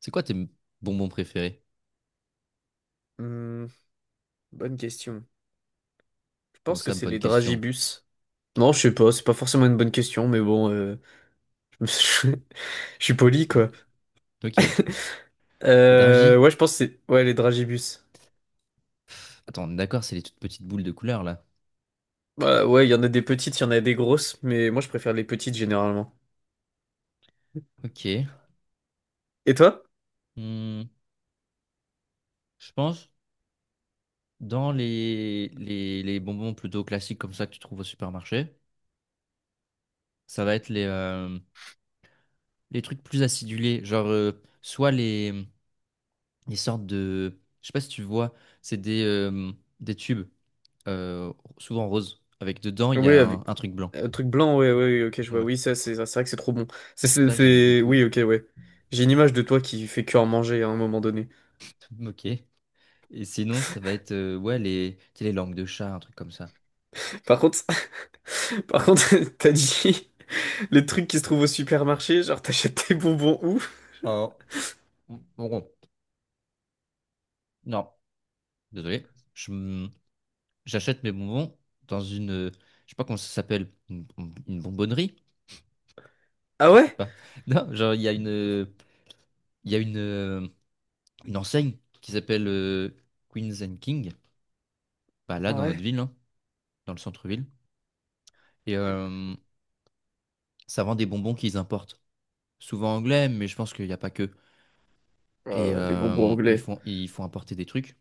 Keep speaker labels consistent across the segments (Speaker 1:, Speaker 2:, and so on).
Speaker 1: C'est quoi tes bonbons préférés?
Speaker 2: Hmm, bonne question. Je
Speaker 1: Comment
Speaker 2: pense que
Speaker 1: ça,
Speaker 2: c'est
Speaker 1: bonne
Speaker 2: les
Speaker 1: question.
Speaker 2: dragibus. Non, je sais pas, c'est pas forcément une bonne question, mais bon, je suis poli,
Speaker 1: Hmm.
Speaker 2: quoi.
Speaker 1: Ok. Les Dragis?
Speaker 2: Ouais, je pense que c'est ouais, les dragibus.
Speaker 1: Attends, on est d'accord, c'est les toutes petites boules de couleur là.
Speaker 2: Bah, ouais, il y en a des petites, il y en a des grosses, mais moi je préfère les petites généralement.
Speaker 1: Ok.
Speaker 2: Et toi?
Speaker 1: Hmm. Je pense dans les bonbons plutôt classiques comme ça que tu trouves au supermarché, ça va être les trucs plus acidulés. Genre, soit les sortes de. Je sais pas si tu vois, c'est des tubes, euh, souvent roses, avec dedans il y
Speaker 2: Oui,
Speaker 1: a
Speaker 2: avec
Speaker 1: un truc blanc.
Speaker 2: un truc blanc, ouais, ouais, ouais, ok, je vois.
Speaker 1: Ouais.
Speaker 2: Oui, ça, c'est vrai que c'est trop bon.
Speaker 1: Ça, j'aime beaucoup.
Speaker 2: Oui, ok, ouais. J'ai une image de toi qui fait que en manger à un moment donné.
Speaker 1: Ok. Et sinon, ça va être ouais, tu sais, les langues de chat, un truc comme ça.
Speaker 2: Par contre, Par contre, t'as dit les trucs qui se trouvent au supermarché, genre t'achètes tes bonbons où?
Speaker 1: Oh, bon, non, désolé. J'achète mes bonbons dans une, je sais pas comment ça s'appelle, une bonbonnerie,
Speaker 2: Ah
Speaker 1: je sais
Speaker 2: ouais?
Speaker 1: pas. Non, genre il y a une enseigne qui s'appelle Queens and King, bah là dans notre
Speaker 2: Ouais.
Speaker 1: ville, hein, dans le centre-ville. Et ça vend des bonbons qu'ils importent, souvent anglais, mais je pense qu'il n'y a pas que. Et
Speaker 2: Les bonbons
Speaker 1: ils
Speaker 2: anglais.
Speaker 1: font, ils font importer des trucs.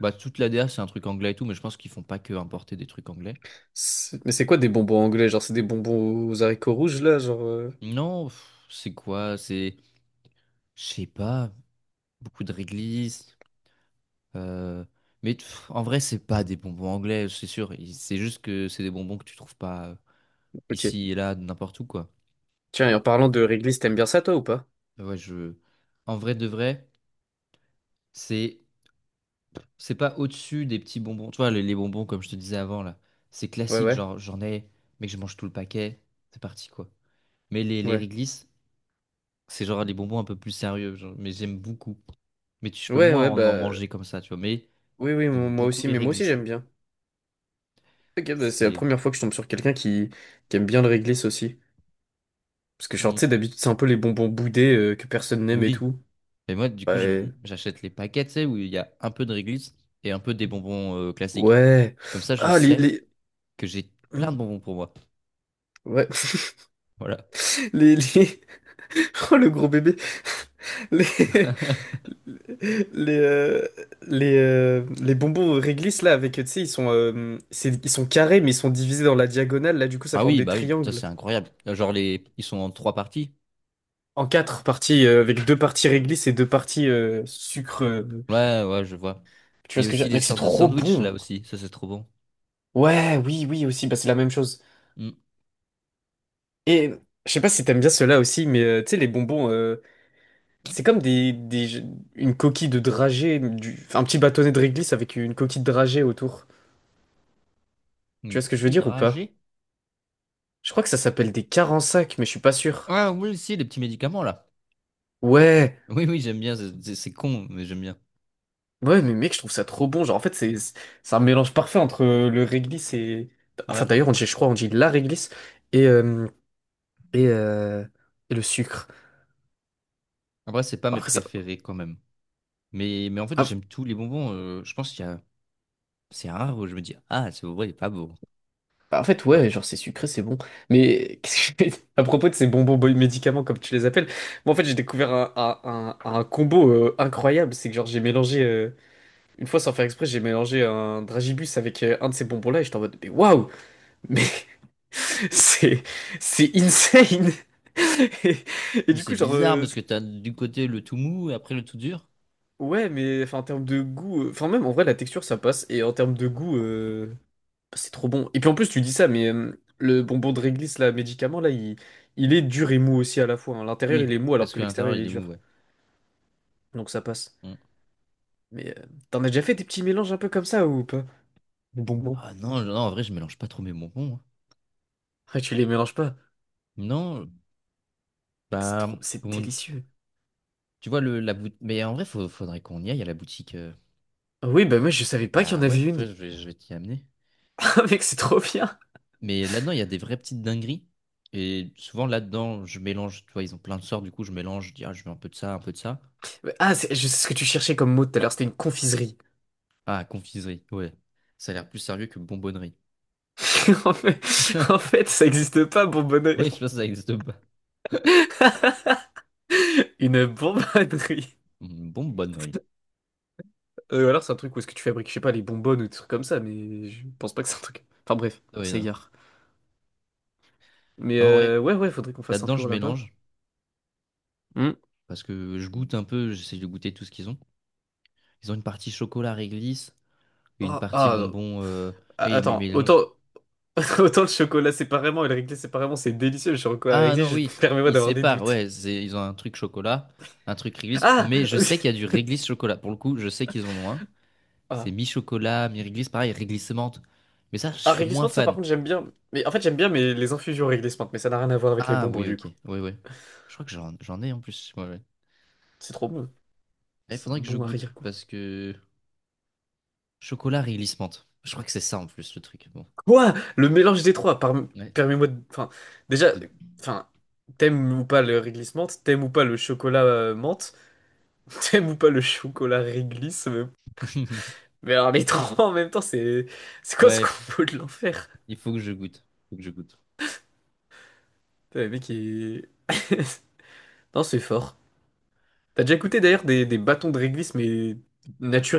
Speaker 1: Bah, toute la DA, c'est un truc anglais et tout, mais je pense qu'ils font pas que importer des trucs anglais.
Speaker 2: Mais c'est quoi des bonbons anglais? Genre c'est des bonbons aux haricots rouges là, genre.
Speaker 1: Non, c'est quoi? C'est, je sais pas, beaucoup de réglisse. euh, Mais en vrai, c'est pas des bonbons anglais, c'est sûr. C'est juste que c'est des bonbons que tu trouves pas
Speaker 2: Ok.
Speaker 1: ici et là, n'importe où, quoi.
Speaker 2: Tiens, et en parlant de réglisse, t'aimes bien ça toi ou pas?
Speaker 1: Ouais, en vrai de vrai, c'est c'est pas au-dessus des petits bonbons. Tu vois, les bonbons, comme je te disais avant, là, c'est
Speaker 2: Ouais,
Speaker 1: classique,
Speaker 2: ouais,
Speaker 1: genre j'en ai, mais que je mange tout le paquet. C'est parti, quoi. Mais les
Speaker 2: ouais.
Speaker 1: réglisse, c'est genre les bonbons un peu plus sérieux, genre, mais j'aime beaucoup. Mais je peux
Speaker 2: Ouais,
Speaker 1: moins
Speaker 2: ouais,
Speaker 1: en
Speaker 2: bah.
Speaker 1: manger comme ça, tu vois. Mais
Speaker 2: Oui, oui,
Speaker 1: j'aime
Speaker 2: moi
Speaker 1: beaucoup
Speaker 2: aussi,
Speaker 1: les
Speaker 2: mais moi aussi
Speaker 1: réglisses.
Speaker 2: j'aime bien. Ok, bah, c'est la
Speaker 1: C'est.
Speaker 2: première fois que je tombe sur quelqu'un qui aime bien le réglisse aussi. Parce que, genre, tu
Speaker 1: Mm.
Speaker 2: sais, d'habitude, c'est un peu les bonbons boudés que personne n'aime et
Speaker 1: Oui.
Speaker 2: tout.
Speaker 1: Et moi, du coup,
Speaker 2: Ouais.
Speaker 1: j'achète les paquets, tu sais, où il y a un peu de réglisse et un peu des bonbons classiques.
Speaker 2: Ouais.
Speaker 1: Comme ça, je
Speaker 2: Ah,
Speaker 1: sais
Speaker 2: les...
Speaker 1: que j'ai
Speaker 2: Hmm.
Speaker 1: plein de bonbons pour moi.
Speaker 2: Ouais,
Speaker 1: Voilà.
Speaker 2: les... Oh, le gros bébé. Les, les, euh, les bonbons réglisse, là, avec, tu sais, ils sont, ils sont carrés, mais ils sont divisés dans la diagonale. Là, du coup, ça
Speaker 1: Ah
Speaker 2: forme
Speaker 1: oui,
Speaker 2: des
Speaker 1: bah oui, ça
Speaker 2: triangles
Speaker 1: c'est incroyable. Genre ils sont en trois parties.
Speaker 2: en quatre parties, avec deux parties réglisse et deux parties sucre.
Speaker 1: Ouais, ouais, je vois.
Speaker 2: Tu
Speaker 1: Il
Speaker 2: vois
Speaker 1: y a
Speaker 2: ce que je
Speaker 1: aussi
Speaker 2: veux dire?
Speaker 1: des
Speaker 2: Mec, c'est
Speaker 1: sortes de
Speaker 2: trop
Speaker 1: sandwich là
Speaker 2: bon.
Speaker 1: aussi, ça c'est trop bon.
Speaker 2: Ouais, oui, oui, aussi, bah, c'est la même chose.
Speaker 1: Mm.
Speaker 2: Et je sais pas si t'aimes bien ceux-là aussi, mais tu sais, les bonbons. C'est comme une coquille de dragée, du, enfin, un petit bâtonnet de réglisse avec une coquille de dragée autour. Tu
Speaker 1: Une
Speaker 2: vois ce que je veux
Speaker 1: coquille
Speaker 2: dire ou pas?
Speaker 1: dragée.
Speaker 2: Je crois que ça s'appelle des carensacs, mais je suis pas sûr.
Speaker 1: Ah oui, si, les petits médicaments là.
Speaker 2: Ouais,
Speaker 1: Oui, oui, j'aime bien. C'est con, mais j'aime bien.
Speaker 2: ouais, mais mec, je trouve ça trop bon. Genre, en fait, c'est un mélange parfait entre le réglisse et. Enfin,
Speaker 1: Ouais.
Speaker 2: d'ailleurs, on dit, je crois, on dit la réglisse et, euh, et, euh, et le sucre.
Speaker 1: Après, c'est pas
Speaker 2: Bon,
Speaker 1: mes
Speaker 2: après, ça.
Speaker 1: préférés quand même. Mais en fait, j'aime tous les bonbons. Je pense qu'il y a... C'est rare où je me dis, ah, c'est vrai il est pas beau.
Speaker 2: Bah, en fait,
Speaker 1: Hein.
Speaker 2: ouais, genre c'est sucré, c'est bon. Mais qu'est-ce que je fais à propos de ces bonbons médicaments, comme tu les appelles, moi en fait j'ai découvert un combo incroyable. C'est que genre j'ai mélangé, une fois sans faire exprès, j'ai mélangé un dragibus avec un de ces bonbons-là et j'étais en mode, mais waouh! Mais c'est c'est insane! Et, et
Speaker 1: Mais
Speaker 2: du coup,
Speaker 1: c'est
Speaker 2: genre,
Speaker 1: bizarre parce que t'as du côté le tout mou et après le tout dur.
Speaker 2: ouais, mais enfin, en termes de goût, enfin, même en vrai, la texture ça passe. Et en termes de goût. C'est trop bon. Et puis en plus, tu dis ça, mais le bonbon de réglisse, là, médicament, là, il est dur et mou aussi à la fois. Hein. L'intérieur, il
Speaker 1: Oui,
Speaker 2: est mou alors
Speaker 1: parce
Speaker 2: que
Speaker 1: que l'intérieur,
Speaker 2: l'extérieur, il est
Speaker 1: il est mou,
Speaker 2: dur.
Speaker 1: ouais.
Speaker 2: Donc ça passe.
Speaker 1: Mm.
Speaker 2: Mais t'en as déjà fait des petits mélanges un peu comme ça ou pas? Des bonbons.
Speaker 1: Ah non, non, en vrai, je mélange pas trop mes bonbons. Hein.
Speaker 2: Ah, tu les mélanges pas.
Speaker 1: Non,
Speaker 2: Mec, c'est
Speaker 1: bah,
Speaker 2: trop... C'est
Speaker 1: comment.
Speaker 2: délicieux.
Speaker 1: Tu vois, la boutique. Mais en vrai, faudrait qu'on y aille à la boutique.
Speaker 2: Ah oui, bah moi, je savais pas qu'il y en
Speaker 1: Bah ouais,
Speaker 2: avait une.
Speaker 1: je vais, je vais t'y amener.
Speaker 2: Ah, mec, c'est trop bien.
Speaker 1: Mais là-dedans, il y a des vraies petites dingueries. Et souvent, là-dedans, je mélange. Tu vois, ils ont plein de sorts. Du coup, je mélange. Je dis, ah, je veux un peu de ça, un peu de ça.
Speaker 2: Ah, je sais ce que tu cherchais comme mot tout à l'heure, c'était une confiserie.
Speaker 1: Ah, confiserie. Ouais. Ça a l'air plus sérieux que bonbonnerie.
Speaker 2: En fait, En fait, ça existe pas,
Speaker 1: Oui,
Speaker 2: bonbonnerie.
Speaker 1: je pense que ça existe pas.
Speaker 2: Une bonbonnerie.
Speaker 1: Bonbonnerie.
Speaker 2: Ou alors c'est un truc où est-ce que tu fabriques, je sais pas, les bonbonnes ou des trucs comme ça, mais je pense pas que c'est un truc. Enfin bref, on
Speaker 1: Oui, non.
Speaker 2: s'égare. Mais
Speaker 1: Non, ouais.
Speaker 2: ouais, ouais, faudrait qu'on fasse un
Speaker 1: Là-dedans, je
Speaker 2: tour là-bas.
Speaker 1: mélange.
Speaker 2: Hmm.
Speaker 1: Parce que je goûte un peu. J'essaie de goûter tout ce qu'ils ont. Ils ont une partie chocolat réglisse et une
Speaker 2: Oh,
Speaker 1: partie
Speaker 2: ah, non.
Speaker 1: bonbon.
Speaker 2: Ah,
Speaker 1: Oui, ils
Speaker 2: attends, autant,
Speaker 1: mélangent.
Speaker 2: autant le chocolat séparément et le réglé séparément, c'est délicieux. Le chocolat
Speaker 1: Ah
Speaker 2: réglé,
Speaker 1: non,
Speaker 2: je
Speaker 1: oui,
Speaker 2: permets-moi
Speaker 1: ils
Speaker 2: d'avoir des
Speaker 1: séparent,
Speaker 2: doutes.
Speaker 1: ouais, ils ont un truc chocolat, un truc réglisse,
Speaker 2: Ah!
Speaker 1: mais je sais qu'il y a du réglisse chocolat. Pour le coup, je sais qu'ils en ont un. C'est
Speaker 2: Ah,
Speaker 1: mi-chocolat, mi-réglisse, pareil, réglisse menthe. Mais ça, je
Speaker 2: ah
Speaker 1: suis moins
Speaker 2: réglissement de ça par
Speaker 1: fan.
Speaker 2: contre j'aime bien. Mais en fait j'aime bien mais les infusions réglissement, mais ça n'a rien à voir avec les
Speaker 1: Ah
Speaker 2: bonbons
Speaker 1: oui,
Speaker 2: du
Speaker 1: ok,
Speaker 2: coup.
Speaker 1: oui, oui. Je crois que j'en ai en plus. Ouais, ouais.
Speaker 2: C'est trop bon.
Speaker 1: Eh, il
Speaker 2: C'est un
Speaker 1: faudrait que je
Speaker 2: bon arrière.
Speaker 1: goûte, parce que chocolat, réglisse menthe. Je crois que c'est ça en plus le truc. Bon,
Speaker 2: Quoi? Le mélange des trois,
Speaker 1: ouais.
Speaker 2: permets-moi de... Enfin, déjà,
Speaker 1: De-
Speaker 2: enfin, t'aimes ou pas le réglisse menthe, t'aimes ou pas le chocolat menthe, t'aimes ou pas le chocolat réglisse, mais alors les trois en même temps, c'est... C'est quoi ce
Speaker 1: Ouais,
Speaker 2: combo de l'enfer?
Speaker 1: il faut que je goûte. Faut que je goûte.
Speaker 2: Putain, le mec Non, c'est fort. T'as déjà goûté d'ailleurs des bâtons de réglisse, mais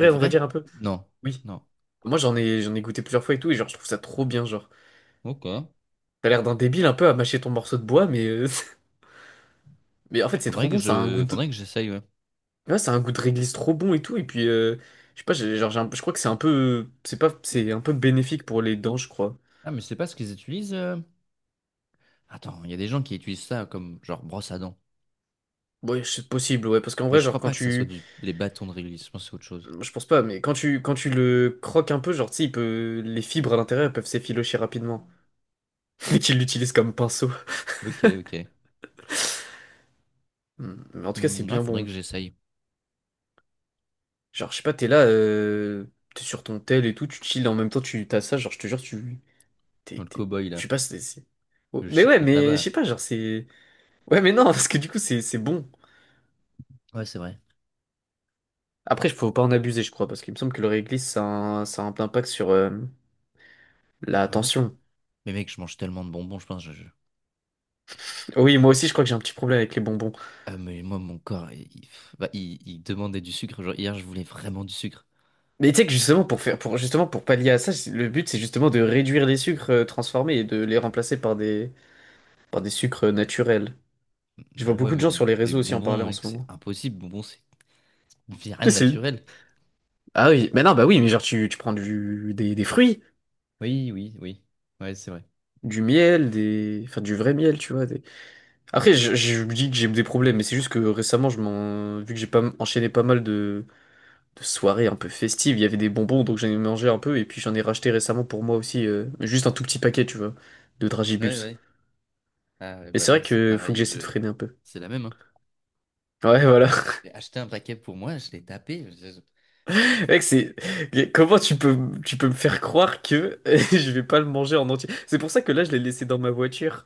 Speaker 1: C'est
Speaker 2: on va
Speaker 1: vrai?
Speaker 2: dire un peu?
Speaker 1: Non,
Speaker 2: Oui.
Speaker 1: non.
Speaker 2: Moi, j'en ai goûté plusieurs fois et tout, et genre, je trouve ça trop bien, genre.
Speaker 1: Ok.
Speaker 2: T'as l'air d'un débile un peu à mâcher ton morceau de bois, mais... Mais en
Speaker 1: Il
Speaker 2: fait, c'est
Speaker 1: faudrait
Speaker 2: trop
Speaker 1: que
Speaker 2: bon, ça a un goût.
Speaker 1: je, Faudrait que j'essaye, ouais.
Speaker 2: Ouais, c'est un goût de réglisse trop bon et tout. Et puis, je sais pas, genre, je crois que c'est un peu, c'est pas, c'est un peu bénéfique pour les dents, je crois.
Speaker 1: Ah, mais c'est pas ce qu'ils utilisent. Attends, il y a des gens qui utilisent ça comme genre brosse à dents.
Speaker 2: Ouais, c'est possible, ouais, parce qu'en
Speaker 1: Mais
Speaker 2: vrai,
Speaker 1: je
Speaker 2: genre,
Speaker 1: crois pas que ça soit des bâtons de réglisse. Je pense que c'est autre chose.
Speaker 2: je pense pas, mais quand tu le croques un peu, genre, tu sais, il peut, les fibres à l'intérieur, elles peuvent s'effilocher rapidement. Et qu'ils l'utilisent comme pinceau.
Speaker 1: Ok, ok.
Speaker 2: Hmm, mais en tout cas, c'est
Speaker 1: Hmm, ouais,
Speaker 2: bien
Speaker 1: faudrait
Speaker 2: bon.
Speaker 1: que j'essaye.
Speaker 2: Genre, je sais pas, t'es là, t'es sur ton tel et tout, tu chill, en même temps, tu t'as ça, genre, je te jure, tu,
Speaker 1: Dans le
Speaker 2: t'es,
Speaker 1: cow-boy,
Speaker 2: je
Speaker 1: là.
Speaker 2: sais pas, Oh,
Speaker 1: Le
Speaker 2: mais
Speaker 1: chic
Speaker 2: ouais,
Speaker 1: mon
Speaker 2: mais je sais
Speaker 1: tabac.
Speaker 2: pas, genre, c'est, ouais, mais non, parce que du coup, c'est bon.
Speaker 1: Ouais, c'est vrai.
Speaker 2: Après, il faut pas en abuser, je crois, parce qu'il me semble que le réglisse, ça a un impact sur la
Speaker 1: Ah ouais?
Speaker 2: tension.
Speaker 1: Mais mec, je mange tellement de bonbons, je pense.
Speaker 2: Oui, moi aussi, je crois que j'ai un petit problème avec les bonbons.
Speaker 1: Ah, mais moi, mon corps, bah, il demandait du sucre. Genre, hier, je voulais vraiment du sucre.
Speaker 2: Mais tu sais que justement, justement, pour pallier à ça, le but, c'est justement de réduire les sucres transformés et de les remplacer par par des sucres naturels. Je vois
Speaker 1: Ah ouais,
Speaker 2: beaucoup de
Speaker 1: mais
Speaker 2: gens sur les
Speaker 1: les
Speaker 2: réseaux aussi en parler
Speaker 1: bonbons,
Speaker 2: en
Speaker 1: mec,
Speaker 2: ce
Speaker 1: c'est
Speaker 2: moment.
Speaker 1: impossible. Bonbons, c'est rien
Speaker 2: Mais
Speaker 1: de
Speaker 2: c'est-
Speaker 1: naturel.
Speaker 2: Ah oui, mais non, bah oui, mais genre, tu prends des fruits,
Speaker 1: Oui, oui, oui. Ouais, c'est vrai.
Speaker 2: du miel, des, enfin, du vrai miel, tu vois. Après, je me dis que j'ai des problèmes, mais c'est juste que récemment, vu que j'ai pas enchaîné pas mal de soirée un peu festive. Il y avait des bonbons, donc j'en ai mangé un peu. Et puis j'en ai racheté récemment pour moi aussi, juste un tout petit paquet, tu vois, de
Speaker 1: Ouais,
Speaker 2: Dragibus.
Speaker 1: ouais. Ah, ouais,
Speaker 2: Mais
Speaker 1: bah
Speaker 2: c'est
Speaker 1: là,
Speaker 2: vrai
Speaker 1: c'est
Speaker 2: que faut que
Speaker 1: pareil.
Speaker 2: j'essaie de freiner un peu.
Speaker 1: C'est la même, hein.
Speaker 2: Ouais, voilà.
Speaker 1: J'ai acheté un paquet pour moi, je l'ai tapé.
Speaker 2: Mec, c'est comment tu peux me faire croire que je vais pas le manger en entier. C'est pour ça que là je l'ai laissé dans ma voiture.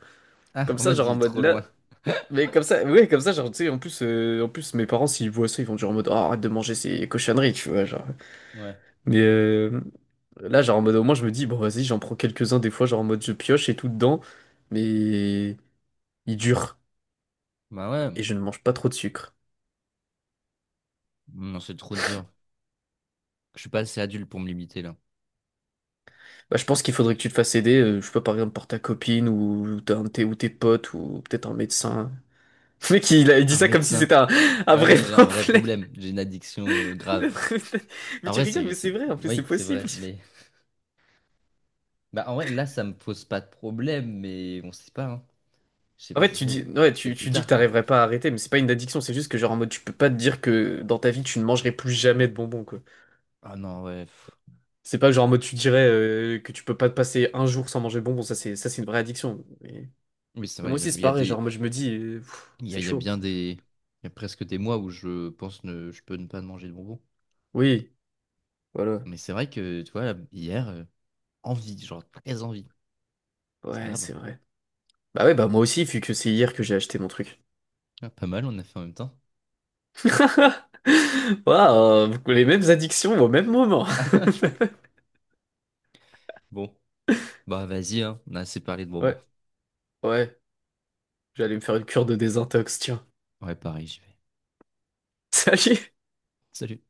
Speaker 1: Ah,
Speaker 2: Comme
Speaker 1: on
Speaker 2: ça,
Speaker 1: m'a
Speaker 2: genre en
Speaker 1: dit
Speaker 2: mode
Speaker 1: trop
Speaker 2: là,
Speaker 1: loin.
Speaker 2: mais comme ça, ouais, comme ça, genre tu sais, en plus mes parents s'ils voient ça, ils vont dire en mode oh, arrête de manger ces cochonneries, tu vois, genre.
Speaker 1: Ouais.
Speaker 2: Mais là, genre en mode, au moins, je me dis, bon, vas-y, j'en prends quelques-uns des fois, genre en mode, je pioche et tout dedans, mais il dure
Speaker 1: Bah ouais.
Speaker 2: et je ne mange pas trop de sucre.
Speaker 1: Mmh, non, c'est trop dur. Je suis pas assez adulte pour me limiter là.
Speaker 2: Bah, je pense qu'il faudrait que tu te fasses aider, je sais pas, par exemple, par ta copine ou, t'as un de tes, ou tes potes ou peut-être un médecin. Le mec, il dit
Speaker 1: Un
Speaker 2: ça comme si
Speaker 1: médecin.
Speaker 2: c'était un
Speaker 1: Ah
Speaker 2: vrai
Speaker 1: ouais, j'ai un vrai
Speaker 2: problème.
Speaker 1: problème. J'ai une addiction grave.
Speaker 2: Mais
Speaker 1: En
Speaker 2: tu
Speaker 1: vrai,
Speaker 2: rigoles, mais c'est vrai, en plus, c'est
Speaker 1: oui, c'est
Speaker 2: possible.
Speaker 1: vrai. Mais. Bah en vrai, là, ça me pose pas de problème, mais on sait pas, hein. Je sais
Speaker 2: En
Speaker 1: pas,
Speaker 2: fait,
Speaker 1: ça se
Speaker 2: tu
Speaker 1: trouve.
Speaker 2: dis, ouais,
Speaker 1: C'est plus
Speaker 2: tu dis que
Speaker 1: tard, quoi.
Speaker 2: t'arriverais pas à arrêter, mais c'est pas une addiction, c'est juste que, genre, en mode, tu peux pas te dire que dans ta vie, tu ne mangerais plus jamais de bonbons, quoi.
Speaker 1: Ah non, ouais. pff.
Speaker 2: C'est pas genre en mode tu dirais que tu peux pas te passer un jour sans manger de bonbons, ça c'est une vraie addiction.
Speaker 1: Oui, c'est
Speaker 2: Mais
Speaker 1: vrai.
Speaker 2: moi aussi
Speaker 1: Il
Speaker 2: c'est
Speaker 1: y a
Speaker 2: pareil,
Speaker 1: des.
Speaker 2: genre moi je me dis pff,
Speaker 1: Il y a,
Speaker 2: c'est
Speaker 1: il y a
Speaker 2: chaud.
Speaker 1: bien des. Il y a presque des mois où je pense ne je peux ne pas manger de bonbons.
Speaker 2: Oui, voilà.
Speaker 1: Mais c'est vrai que, tu vois, hier. Envie, genre très envie. C'est
Speaker 2: Ouais,
Speaker 1: grave.
Speaker 2: c'est vrai. Bah ouais, bah moi aussi, vu que c'est hier que j'ai acheté mon truc.
Speaker 1: Ah, pas mal, on a fait en même temps.
Speaker 2: Waouh, les mêmes addictions au même moment.
Speaker 1: Bon, bah vas-y, hein. On a assez parlé de
Speaker 2: Ouais,
Speaker 1: bonbons.
Speaker 2: ouais, j'allais me faire une cure de désintox, tiens.
Speaker 1: Ouais, pareil, j'y vais.
Speaker 2: Salut.
Speaker 1: Salut.